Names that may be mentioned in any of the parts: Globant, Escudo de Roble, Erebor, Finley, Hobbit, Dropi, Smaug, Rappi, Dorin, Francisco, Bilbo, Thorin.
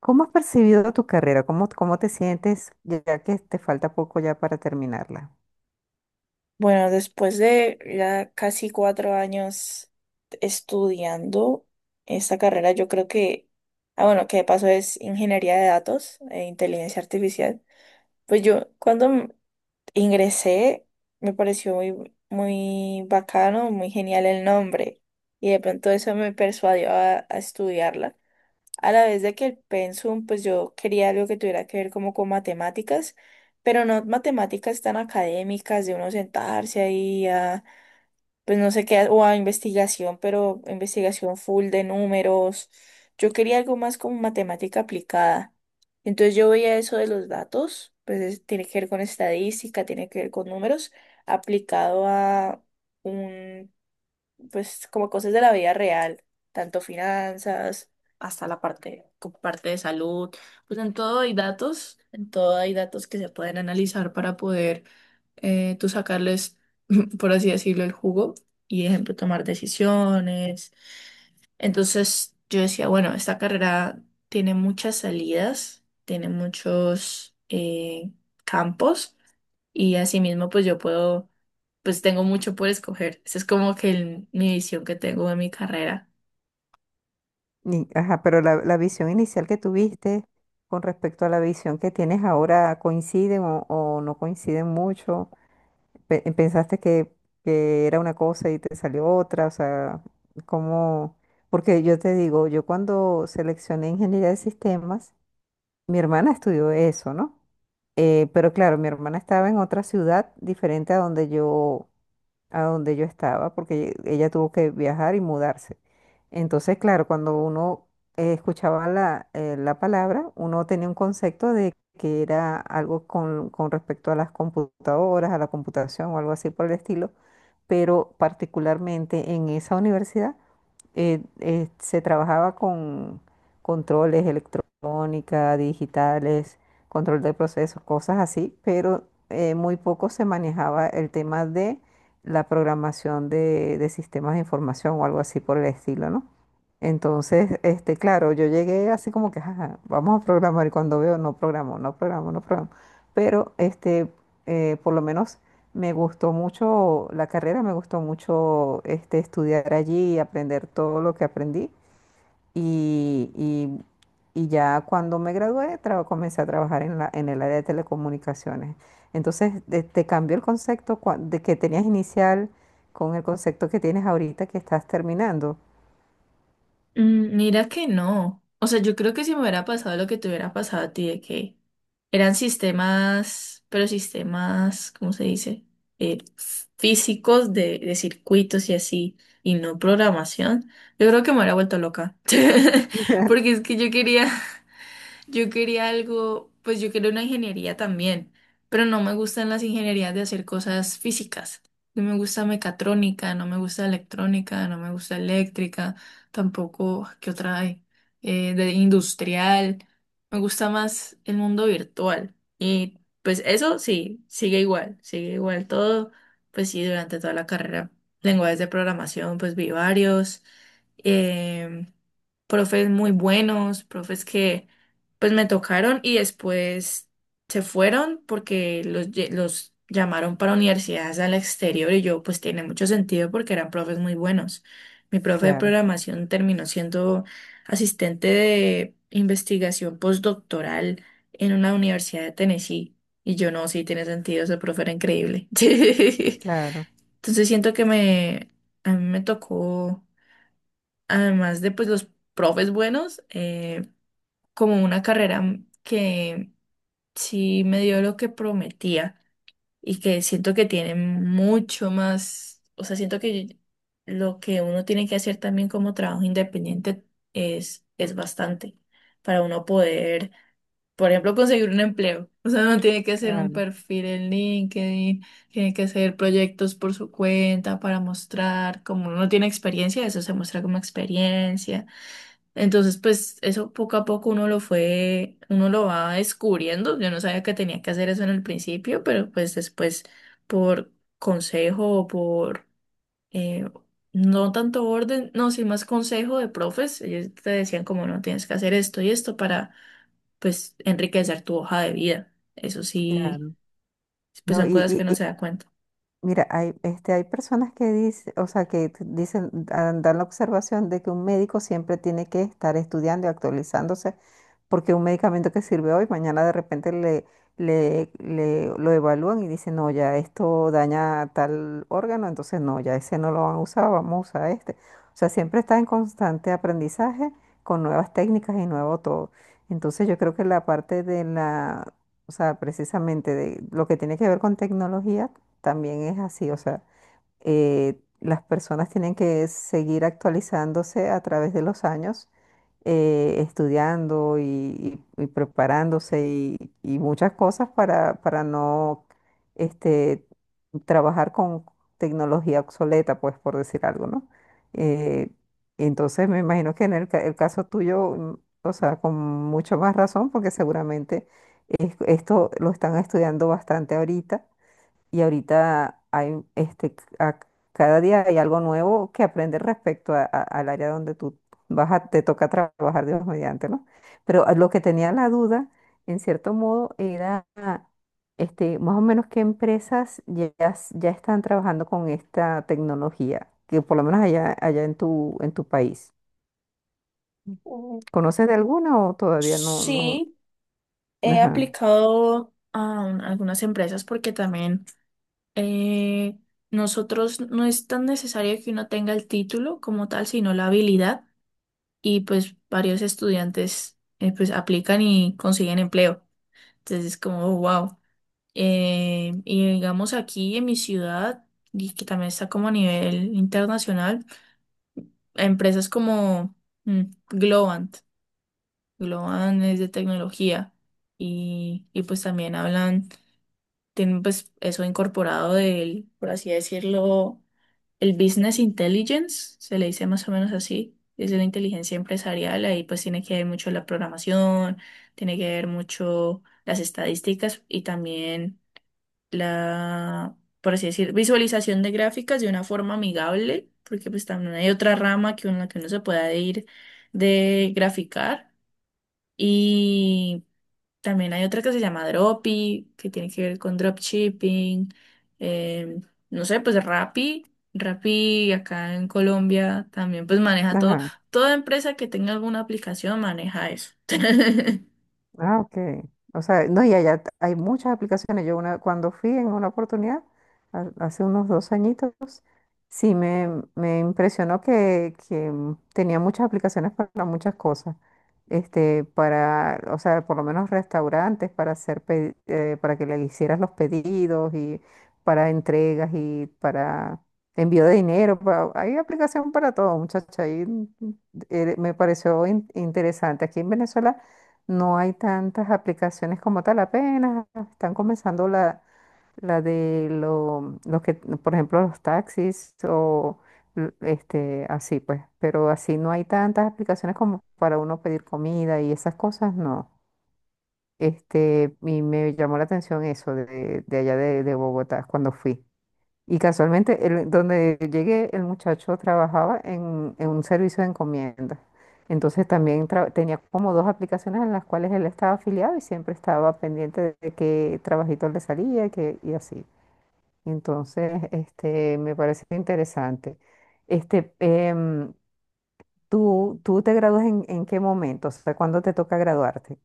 ¿Cómo has percibido tu carrera? ¿Cómo te sientes ya que te falta poco ya para terminarla? Bueno, después de ya casi 4 años estudiando esta carrera, yo creo que, bueno, que de paso es ingeniería de datos e inteligencia artificial. Pues yo ingresé me pareció muy, muy bacano, muy genial el nombre y de pronto eso me persuadió a estudiarla. A la vez de que el pensum, pues yo quería algo que tuviera que ver como con matemáticas, pero no matemáticas tan académicas, de uno sentarse ahí a, pues no sé qué, o a investigación, pero investigación full de números. Yo quería algo más como matemática aplicada. Entonces yo veía eso de los datos, pues tiene que ver con estadística, tiene que ver con números, aplicado a un, pues, como cosas de la vida real, tanto finanzas, hasta la parte, como parte de salud, pues en todo hay datos, en todo hay datos que se pueden analizar para poder, tú sacarles, por así decirlo, el jugo y, ejemplo, tomar decisiones. Entonces yo decía, bueno, esta carrera tiene muchas salidas, tiene muchos campos y asimismo pues yo puedo, pues tengo mucho por escoger. Esa es como que mi visión que tengo de mi carrera. Ajá, pero la visión inicial que tuviste con respecto a la visión que tienes ahora, ¿coinciden o no coinciden mucho? ¿Pensaste que era una cosa y te salió otra? O sea, ¿cómo? Porque yo te digo, yo cuando seleccioné ingeniería de sistemas, mi hermana estudió eso, ¿no? Pero claro, mi hermana estaba en otra ciudad diferente a donde yo estaba, porque ella tuvo que viajar y mudarse. Entonces, claro, cuando uno escuchaba la, la palabra, uno tenía un concepto de que era algo con respecto a las computadoras, a la computación o algo así por el estilo, pero particularmente en esa universidad se trabajaba con controles electrónica, digitales, control de procesos, cosas así, pero muy poco se manejaba el tema de la programación de sistemas de información o algo así por el estilo, ¿no? Entonces, este, claro, yo llegué así como que: "Ajá, vamos a programar", y cuando veo, no programo, no programo, no programo. Pero, este, por lo menos me gustó mucho la carrera, me gustó mucho, este, estudiar allí y aprender todo lo que aprendí. Y, y- y ya cuando me gradué, comencé a trabajar en la, en el área de telecomunicaciones. Entonces, te cambió el concepto de que tenías inicial con el concepto que tienes ahorita que estás terminando. Mira que no. O sea, yo creo que si me hubiera pasado lo que te hubiera pasado a ti, de que eran sistemas, pero sistemas, ¿cómo se dice? Físicos de circuitos y así, y no programación, yo creo que me hubiera vuelto loca. Porque es que yo quería algo, pues yo quería una ingeniería también, pero no me gustan las ingenierías de hacer cosas físicas. No me gusta mecatrónica, no me gusta electrónica, no me gusta eléctrica, tampoco, ¿qué otra hay? De industrial. Me gusta más el mundo virtual. Y pues eso sí, sigue igual todo. Pues sí, durante toda la carrera. Lenguajes de programación, pues vi varios. em, Profes muy buenos, profes que pues me tocaron y después se fueron porque los llamaron para universidades al exterior y yo, pues, tiene mucho sentido porque eran profes muy buenos. Mi profe de Claro, programación terminó siendo asistente de investigación postdoctoral en una universidad de Tennessee y yo no, sí tiene sentido, ese profe era increíble. claro, Entonces siento que me, a mí me tocó, además de pues los profes buenos, como una carrera que sí me dio lo que prometía y que siento que tiene mucho más, o sea, siento que lo que uno tiene que hacer también como trabajo independiente es bastante para uno poder, por ejemplo, conseguir un empleo. O sea, uno tiene que hacer un claro, perfil en LinkedIn, tiene que hacer proyectos por su cuenta para mostrar, como uno tiene experiencia, eso se muestra como experiencia. Entonces, pues eso poco a poco uno lo fue, uno lo va descubriendo. Yo no sabía que tenía que hacer eso en el principio, pero pues después por consejo o por, eh, no tanto orden, no, sí más consejo de profes, ellos te decían como no tienes que hacer esto y esto para pues enriquecer tu hoja de vida. Eso sí, claro. pues No, son y, cosas que y- uno y, se da cuenta. mira, hay, este, hay personas que dicen, o sea, que dicen, dan la observación de que un médico siempre tiene que estar estudiando y actualizándose porque un medicamento que sirve hoy, mañana de repente lo evalúan y dicen, no, ya esto daña tal órgano, entonces no, ya ese no lo van a usar, vamos a usar este. O sea, siempre está en constante aprendizaje con nuevas técnicas y nuevo todo. Entonces yo creo que la parte de la, o sea, precisamente de lo que tiene que ver con tecnología también es así, o sea las personas tienen que seguir actualizándose a través de los años, estudiando y preparándose y muchas cosas para no este, trabajar con tecnología obsoleta, pues por decir algo, ¿no? Eh, entonces me imagino que en el, el caso tuyo, mm, o sea, con mucho más razón, porque seguramente esto lo están estudiando bastante ahorita y ahorita hay este, cada día hay algo nuevo que aprender respecto al área donde tú te toca trabajar, Dios mediante, ¿no? Pero a lo que tenía la duda, en cierto modo, era este, más o menos qué empresas ya, ya están trabajando con esta tecnología, que por lo menos allá, allá en tu país. Mm, ¿Conoces de alguna o todavía no? sí, he Ajá, aplicado a algunas empresas porque también, eh, nosotros no es tan necesario que uno tenga el título como tal, sino la habilidad y pues varios estudiantes, pues aplican y consiguen empleo. Entonces es como, wow. Y digamos aquí en mi ciudad, y que también está como a nivel internacional, empresas como, mm, Globant. Globant es de tecnología y pues también hablan, tienen pues eso incorporado del, por así decirlo, el business intelligence, se le dice más o menos así, es la inteligencia empresarial, ahí pues tiene que ver mucho la programación, tiene que ver mucho las estadísticas y también la, por así decir, visualización de gráficas de una forma amigable, porque pues también hay otra rama que uno se pueda ir de graficar. Y también hay otra que se llama Dropi, que tiene que ver con dropshipping. em, no sé, pues Rappi. Rappi acá en Colombia también pues maneja todo. ajá. Toda empresa que tenga alguna aplicación maneja eso. Ah, ok. O sea, no, y allá hay muchas aplicaciones. Yo una, cuando fui en una oportunidad, hace unos dos añitos, sí me impresionó que tenía muchas aplicaciones para muchas cosas. Este, para, o sea, por lo menos restaurantes para hacer, para que le hicieras los pedidos y para entregas y para envío de dinero. Hay aplicación para todo, muchacha. Y mm, me pareció interesante. Aquí en Venezuela no hay tantas aplicaciones como tal, apenas están comenzando la de los que, por ejemplo, los taxis o este, así pues, pero así no hay tantas aplicaciones como para uno pedir comida y esas cosas, no. Este, y me llamó la atención eso de allá de Bogotá cuando fui. Y casualmente, donde llegué, el muchacho trabajaba en un servicio de encomienda. Entonces también tenía como dos aplicaciones en las cuales él estaba afiliado y siempre estaba pendiente de qué trabajito le salía que, y así. Entonces, este, me parece interesante. Este, em, ¿tú te gradúas en qué momento? O sea, ¿cuándo te toca graduarte?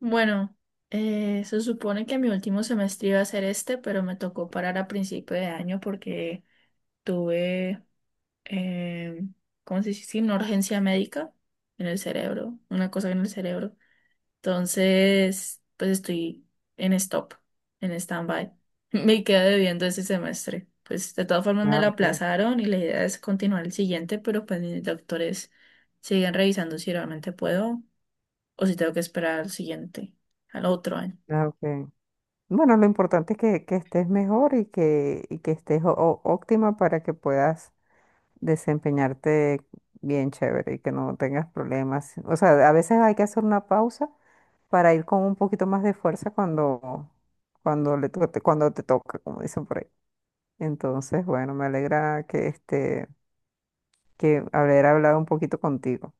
Bueno, se supone que mi último semestre iba a ser este, pero me tocó parar a principio de año porque tuve, em, ¿cómo se dice? Sí, una urgencia médica en el cerebro, una cosa en el cerebro. Entonces, pues estoy en stop, en stand-by. Me queda debiendo ese semestre. Pues de todas formas me Ah, lo ok, aplazaron y la idea es continuar el siguiente, pero pues mis doctores siguen revisando si realmente puedo o si tengo que esperar al siguiente, al otro año. ah, ok. Bueno, lo importante es que estés mejor y que estés óptima para que puedas desempeñarte bien chévere y que no tengas problemas. O sea, a veces hay que hacer una pausa para ir con un poquito más de fuerza cuando, cuando cuando te toca, como dicen por ahí. Entonces, bueno, me alegra que haber hablado un poquito contigo.